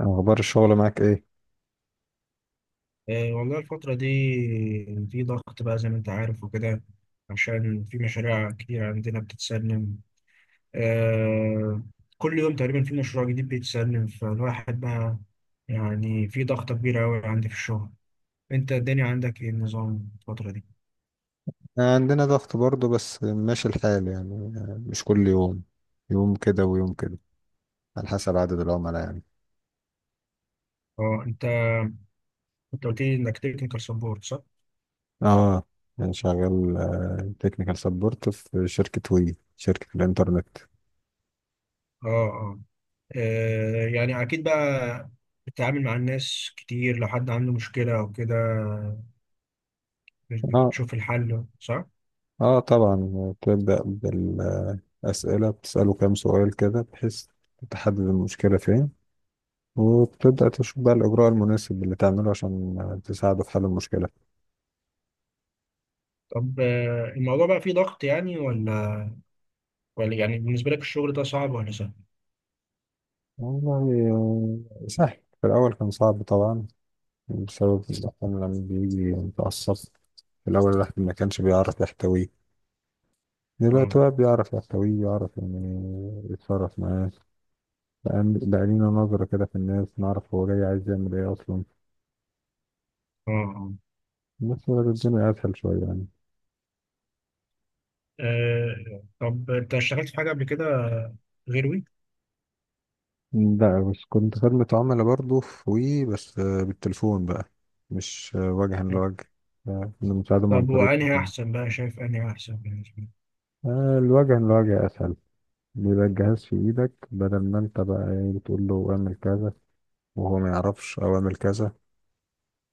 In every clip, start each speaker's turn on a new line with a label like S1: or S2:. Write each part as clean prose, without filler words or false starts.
S1: أخبار الشغل معاك إيه؟
S2: إيه والله الفترة دي في ضغط بقى زي ما أنت عارف وكده، عشان في مشاريع كتير عندنا بتتسلم. آه، كل يوم تقريبا في مشروع جديد بيتسلم، فالواحد بقى يعني في ضغطة كبيرة أوي عندي في الشغل. أنت الدنيا عندك إيه النظام الفترة دي؟
S1: عندنا ضغط برضه، بس ماشي الحال يعني. مش كل يوم، يوم كده ويوم كده، على حسب عدد العملاء يعني.
S2: أه أنت أنت قلت لي إنك تكنيكال سبورت، صح؟
S1: آه، يعني شغال تكنيكال سبورت في شركة وي، شركة الإنترنت.
S2: أه أه آه، يعني أكيد بقى بتتعامل مع الناس كتير، لو حد عنده مشكلة أو كده
S1: آه
S2: بتشوف الحل، صح؟
S1: آه، طبعا تبدأ بالأسئلة، بتسأله كام سؤال كده بحيث تحدد المشكلة فين، وبتبدأ تشوف بقى الإجراء المناسب اللي تعمله عشان تساعده في حل المشكلة.
S2: طب الموضوع بقى فيه ضغط يعني ولا يعني بالنسبة لك الشغل ده صعب ولا سهل؟
S1: والله سهل. في الأول كان صعب طبعا بسبب الزحام، لما بيجي متعصب. في الأول الواحد ما كانش بيعرف يحتويه،
S2: اه
S1: دلوقتي بقى بيعرف يحتويه، يعرف يعني يتصرف معاه. بقى لينا نظرة كده في الناس، نعرف هو جاي عايز يعمل ايه أصلا.
S2: اه اه
S1: بس بقى الدنيا أسهل شوية يعني.
S2: طب انت اشتغلت في حاجة قبل كده غير وي؟
S1: لا، بس كنت خدمة عملاء برضه في وي، بس بالتليفون بقى. مش وجها لوجه. كنا بنساعدهم عن
S2: طب
S1: طريق
S2: وانهي
S1: التليفون.
S2: احسن بقى؟ شايف انهي احسن بالنسبة لك؟
S1: آه، الوجها لوجه أسهل. بيبقى الجهاز في إيدك، بدل ما أنت بقى بتقول له اعمل كذا وهو ما يعرفش، او اعمل كذا.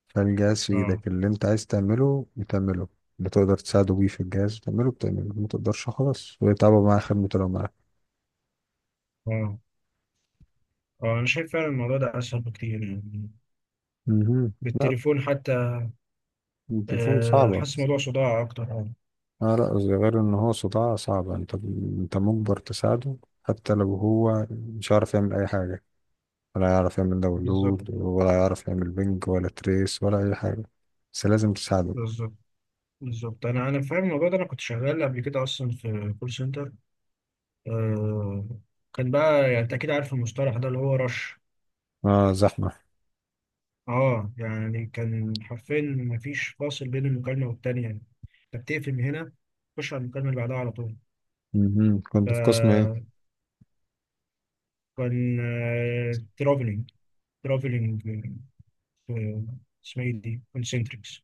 S1: فالجهاز في
S2: اه
S1: ايدك، اللي انت عايز تعمله بتعمله. بتقدر تساعده بيه، في الجهاز بتعمله بتعمله، ما تقدرش خلاص ويتعبوا معاه خدمته لو معاه.
S2: اه اه شايف فعلا الموضوع ده اسهل بكتير يعني،
S1: مهم. لا،
S2: بالتليفون حتى.
S1: التليفون صعبة.
S2: حاسس موضوع صداع اكتر. اه
S1: لا، غير ان هو صداع صعبة، انت مجبر تساعده حتى لو هو مش عارف يعمل اي حاجة، ولا يعرف يعمل
S2: بالظبط.
S1: داونلود، ولا يعرف يعمل بنج ولا تريس ولا اي حاجة، بس لازم تساعده.
S2: بالظبط. بالظبط، انا فاهم الموضوع ده، انا كنت شغال قبل كده اصلا في كول سنتر. آه، كان بقى يعني انت اكيد عارف المصطلح ده، اللي هو رش.
S1: اه، زحمة.
S2: اه يعني كان حرفيا مفيش فاصل بين المكالمة والتانية يعني، انت بتقفل من هنا تخش على المكالمة اللي بعدها على طول.
S1: مهم. كنت في قسم ايه؟
S2: فكان ترافلينج. ترافلينج. اسمها ايه دي؟ كونسنتريكس.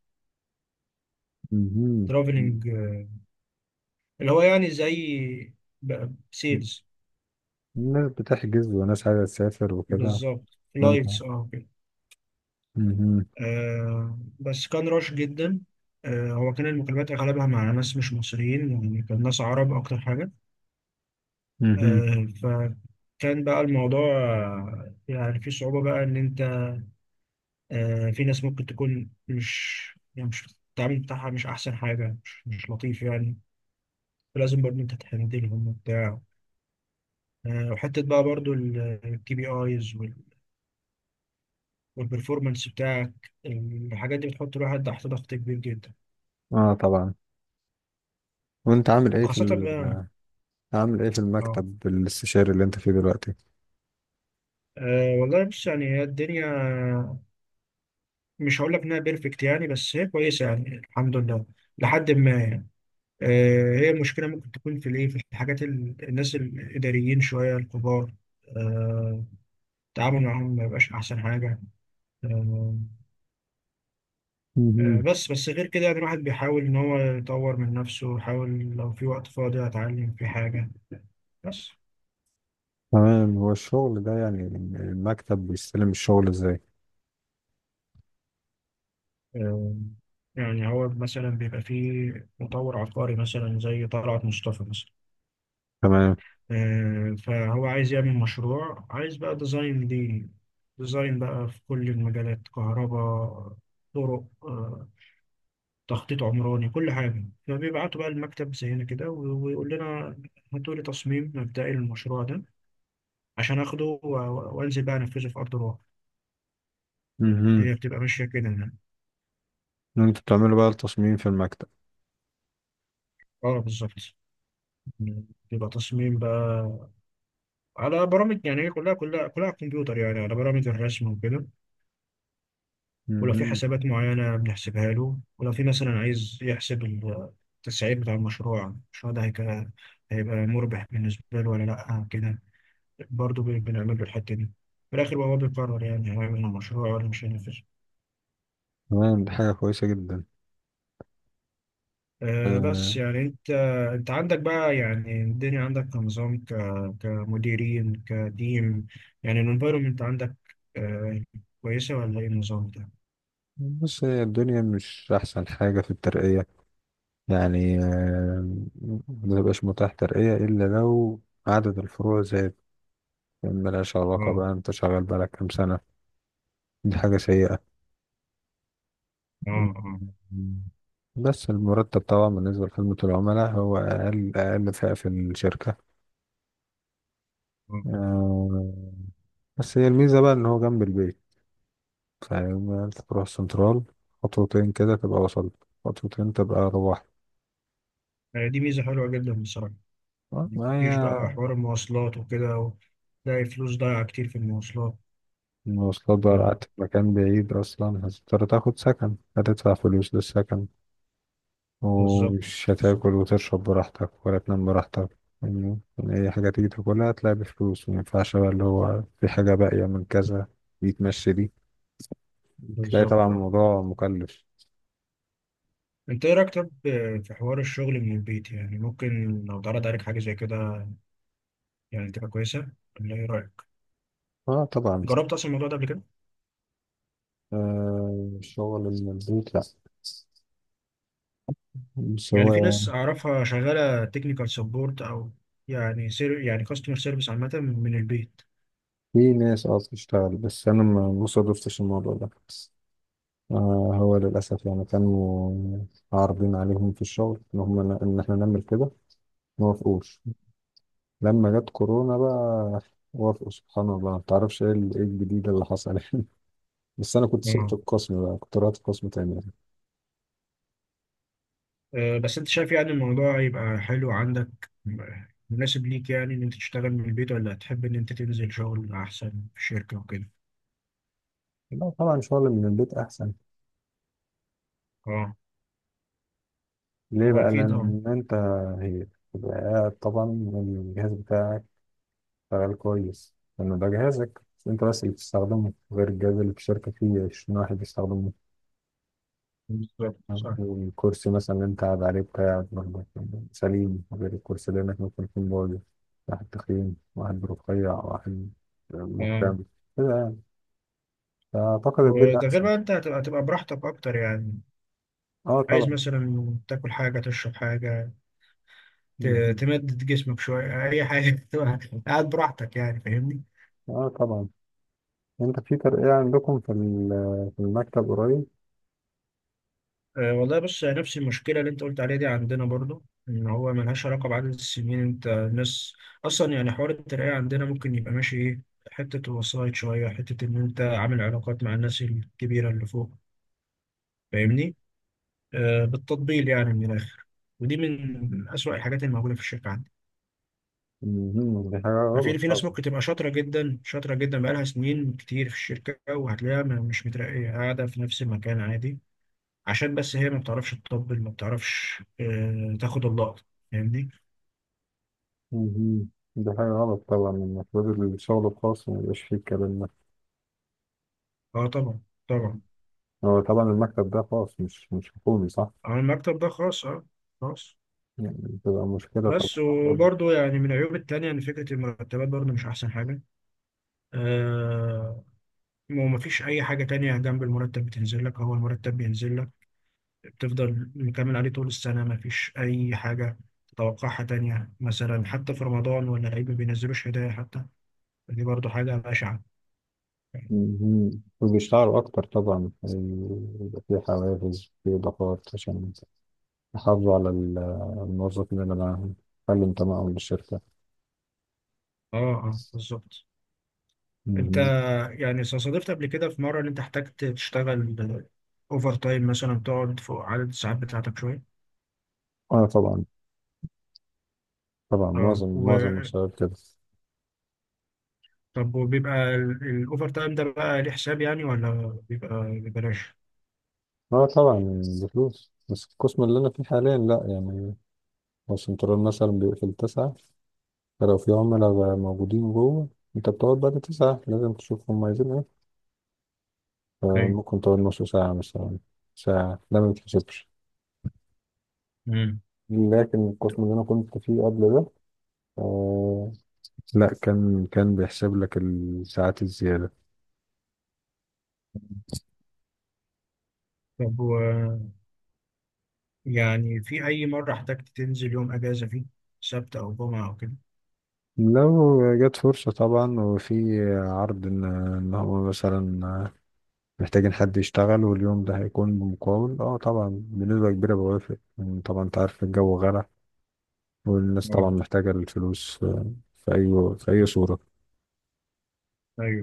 S1: مهم.
S2: ترافلينج، اللي هو يعني زي سيلز.
S1: الناس بتحجز، وناس عايزة تسافر وكده.
S2: بالظبط،
S1: انت.
S2: لايتس، اه كده.
S1: مهم.
S2: بس كان رش جدا. هو كان المكالمات اغلبها مع ناس مش مصريين يعني، كان ناس عرب اكتر حاجة.
S1: مهم.
S2: فكان بقى الموضوع يعني في صعوبة بقى، إن أنت في ناس ممكن تكون مش يعني، مش التعامل بتاعها مش أحسن حاجة، مش لطيف يعني، فلازم برضه أنت تهندلهم وبتاع. وحتة بقى برضه الكي بي آيز والبرفورمانس بتاعك، الحاجات دي بتحط الواحد تحت ضغط كبير جدا.
S1: اه طبعا. وانت عامل ايه في
S2: وخاصة
S1: ال...
S2: بقى.
S1: عامل ايه في
S2: اه
S1: المكتب الاستشاري اللي انت فيه دلوقتي؟
S2: والله بص، يعني هي الدنيا مش هقول لك انها بيرفكت يعني، بس هي كويسه يعني الحمد لله، لحد ما يعني. هي المشكلة ممكن تكون في الإيه، في الحاجات الناس الإداريين شوية الكبار آه، التعامل معاهم ما يبقاش أحسن حاجة. آه،
S1: مهم.
S2: بس غير كده يعني الواحد بيحاول إن هو يطور من نفسه، يحاول لو في وقت فاضي أتعلم في حاجة بس.
S1: تمام، هو الشغل ده يعني المكتب بيستلم الشغل ازاي؟
S2: آه، يعني هو مثلا بيبقى فيه مطور عقاري مثلا زي طلعت مصطفى مثلا،
S1: تمام.
S2: فهو عايز يعمل مشروع، عايز بقى ديزاين ليه. ديزاين بقى في كل المجالات: كهرباء، طرق، تخطيط عمراني، كل حاجة، فبيبعتوا بقى المكتب زينا كده ويقول لنا هاتوا لي تصميم مبدئي للمشروع ده عشان اخده وانزل بقى انفذه في ارض الواقع.
S1: مهم.
S2: هي بتبقى ماشية كده يعني.
S1: انت بتعملوا بقى التصميم في المكتب.
S2: اه بالظبط، بيبقى تصميم بقى على برامج يعني، هي كلها على الكمبيوتر يعني، على برامج الرسم وكده. ولو في
S1: مهم.
S2: حسابات معينة بنحسبها له، ولو في مثلا عايز يحسب التسعير بتاع المشروع، ده هيبقى مربح بالنسبة له ولا لأ كده، برضه بنعمل له الحتة دي. في الآخر هو بيقرر يعني هيعمل المشروع ولا مش هينفذ.
S1: تمام، دي حاجة كويسة جدا.
S2: آه، بس
S1: آه.
S2: يعني أنت عندك بقى يعني الدنيا عندك كنظام كمديرين كتيم يعني، الانفايرمنت عندك آه كويسة ولا إيه النظام ده؟
S1: بص، هي الدنيا مش أحسن حاجة في الترقية يعني. ما بيبقاش متاح ترقية إلا لو عدد الفروع زاد. يا عم، ملهاش علاقة
S2: اه
S1: بقى انت شغال بقالك كام سنة. دي حاجة سيئة.
S2: اه اه
S1: مم. بس المرتب طبعا بالنسبة لخدمة العملاء هو أقل، أقل فئة في الشركة.
S2: اه
S1: آه، بس هي الميزة بقى إن هو جنب البيت، فيعني أنت تروح السنترال، خطوتين كده تبقى وصلت، خطوتين تبقى روحت.
S2: دي ميزة حلوة جدا بصراحة.
S1: آه، ما
S2: مفيش بقى
S1: هي.
S2: حوار المواصلات وكده تلاقي فلوس ضايعة كتير في المواصلات.
S1: المواصلات بقى قعدت في مكان بعيد، أصلا هتضطر تاخد سكن، هتدفع فلوس للسكن،
S2: بالظبط.
S1: ومش
S2: بالظبط.
S1: هتاكل وتشرب براحتك ولا تنام براحتك يعني. أي حاجة تيجي تاكلها تلاقي بفلوس، مينفعش بقى اللي هو في حاجة باقية من كذا يتمشي دي. تلاقي
S2: بالظبط،
S1: طبعا الموضوع مكلف.
S2: انت ايه رايك طب في حوار الشغل من البيت؟ يعني ممكن لو اتعرض عليك حاجه زي كده يعني تبقى كويسه، ولا ايه رايك؟
S1: اه طبعا.
S2: جربت اصلا الموضوع ده قبل كده؟
S1: آه، شغل من البيت لا، بس
S2: يعني في
S1: هو.
S2: ناس اعرفها شغاله تكنيكال سبورت او يعني سير يعني كاستمر سيرفيس عامه من البيت.
S1: في ناس اه بتشتغل، بس أنا ما صادفتش الموضوع ده. آه، هو للأسف يعني كانوا عارضين عليهم في الشغل إن هم، إن إحنا نعمل كده، ما وافقوش. لما جت كورونا بقى وافقوا، سبحان الله. ما تعرفش ايه إيه الجديد اللي حصل بس انا كنت سبت
S2: اه
S1: القسم بقى، كنت رحت قسم تاني.
S2: بس انت شايف يعني الموضوع يبقى حلو عندك، مناسب ليك يعني ان انت تشتغل من البيت، ولا تحب ان انت تنزل شغل احسن في الشركه وكده؟
S1: لا طبعا، شغل من البيت احسن.
S2: اه،
S1: ليه
S2: هو
S1: بقى؟
S2: اكيد اه،
S1: لان انت. هي تبقى قاعد طبعا، الجهاز بتاعك شغال كويس، لانه ده جهازك، بس انت بس اللي بتستخدمه، غير الجهاز اللي في الشركه فيه 20 واحد بيستخدمه.
S2: بالظبط صح.
S1: والكرسي مثلا اللي انت قاعد عليه بتاعك برضه سليم، غير الكرسي اللي انك ممكن يكون بايظ، واحد تخين، واحد رفيع، واحد
S2: اه،
S1: مفرم كده يعني. فأعتقد البيت
S2: وده غير
S1: أحسن.
S2: بقى انت هتبقى براحتك اكتر يعني.
S1: اه
S2: عايز
S1: طبعا.
S2: مثلا تاكل حاجة، تشرب حاجة،
S1: مهم.
S2: تمدد جسمك شوية، أي حاجة تبقى قاعد براحتك يعني، فاهمني؟
S1: اه طبعا. انت في ترقية عندكم في المكتب قريب؟
S2: أه والله بص، نفس المشكلة اللي أنت قلت عليها دي عندنا برضو، إن هو ملهاش علاقة بعدد السنين. أنت الناس أصلا يعني حوار الترقية عندنا ممكن يبقى ماشي إيه، حتة وسايط شوية، حتة إن أنت عامل علاقات مع الناس الكبيرة اللي فوق، فاهمني؟ أه، بالتطبيل يعني من الآخر، ودي من أسوأ الحاجات الموجودة في الشركة عندنا.
S1: مهم. دي حاجة
S2: في
S1: غلط
S2: ناس
S1: طبعا.
S2: ممكن تبقى شاطرة جدا، شاطرة جدا، بقالها سنين كتير في الشركة، وهتلاقيها مش مترقية، قاعدة في نفس المكان عادي، عشان بس هي ما بتعرفش تطبل، ما بتعرفش تاخد اللقطة، فاهمني؟
S1: مهم. دي حاجة غلط طبعا، المفروض الشغل الخاص ما يبقاش فيه الكلام ده.
S2: اه طبعا، طبعا.
S1: مهم. هو طبعا المكتب ده خاص، مش حكومي، صح؟
S2: على المكتب ده خاص، اه، خاص.
S1: يعني بتبقى مشكلة
S2: بس
S1: طبعا.
S2: وبرضه يعني من العيوب التانية إن فكرة المرتبات برضه مش أحسن حاجة. آه، ومفيش أي حاجة تانية جنب المرتب بتنزل لك، هو المرتب بينزل لك بتفضل مكمل عليه طول السنة، مفيش أي حاجة تتوقعها تانية مثلا، حتى في رمضان ولا العيد ما بينزلوش هدايا حتى، دي برضو حاجة بشعة.
S1: مهم. وبيشتغلوا أكتر طبعا، يبقى في حوافز، في إضافات، عشان يحافظوا على الموظفين اللي معاهم، يخلوا انتمائهم للشركة.
S2: اه، اه بالظبط. انت
S1: مهم.
S2: يعني صادفت قبل كده في مرة ان انت احتجت تشتغل اوفر تايم مثلا، تقعد فوق عدد الساعات بتاعتك شوية؟
S1: أه طبعا.
S2: اه
S1: معظم الشباب كده.
S2: طب وبيبقى الاوفر تايم ده بقى ليه حساب يعني، ولا بيبقى ببلاش؟
S1: أه طبعا بفلوس، بس القسم اللي أنا فيه حاليا لأ يعني. هو السنترال مثلا بيقفل 9، فلو في عملاء بقى موجودين جوه، أنت بتقعد بعد 9، لازم تشوف هم عايزين إيه،
S2: ايوه.
S1: فممكن تقعد نص ساعة مثلا، ساعة، ده ما بيتحسبش.
S2: مم.
S1: لكن القسم اللي أنا كنت فيه قبل ده آه، لا، كان بيحسب لك الساعات الزيادة.
S2: طب يعني في أي مرة احتجت تنزل يوم أجازة فيه، سبت أو جمعة أو كده؟
S1: لو جت فرصة طبعا وفي عرض إن، هو مثلا محتاجين حد يشتغل، واليوم ده هيكون بمقاول، أه طبعا بنسبة كبيرة بوافق يعني. طبعا أنت عارف الجو غلا، والناس طبعا
S2: اه،
S1: محتاجة الفلوس. في أي صورة.
S2: أيوه.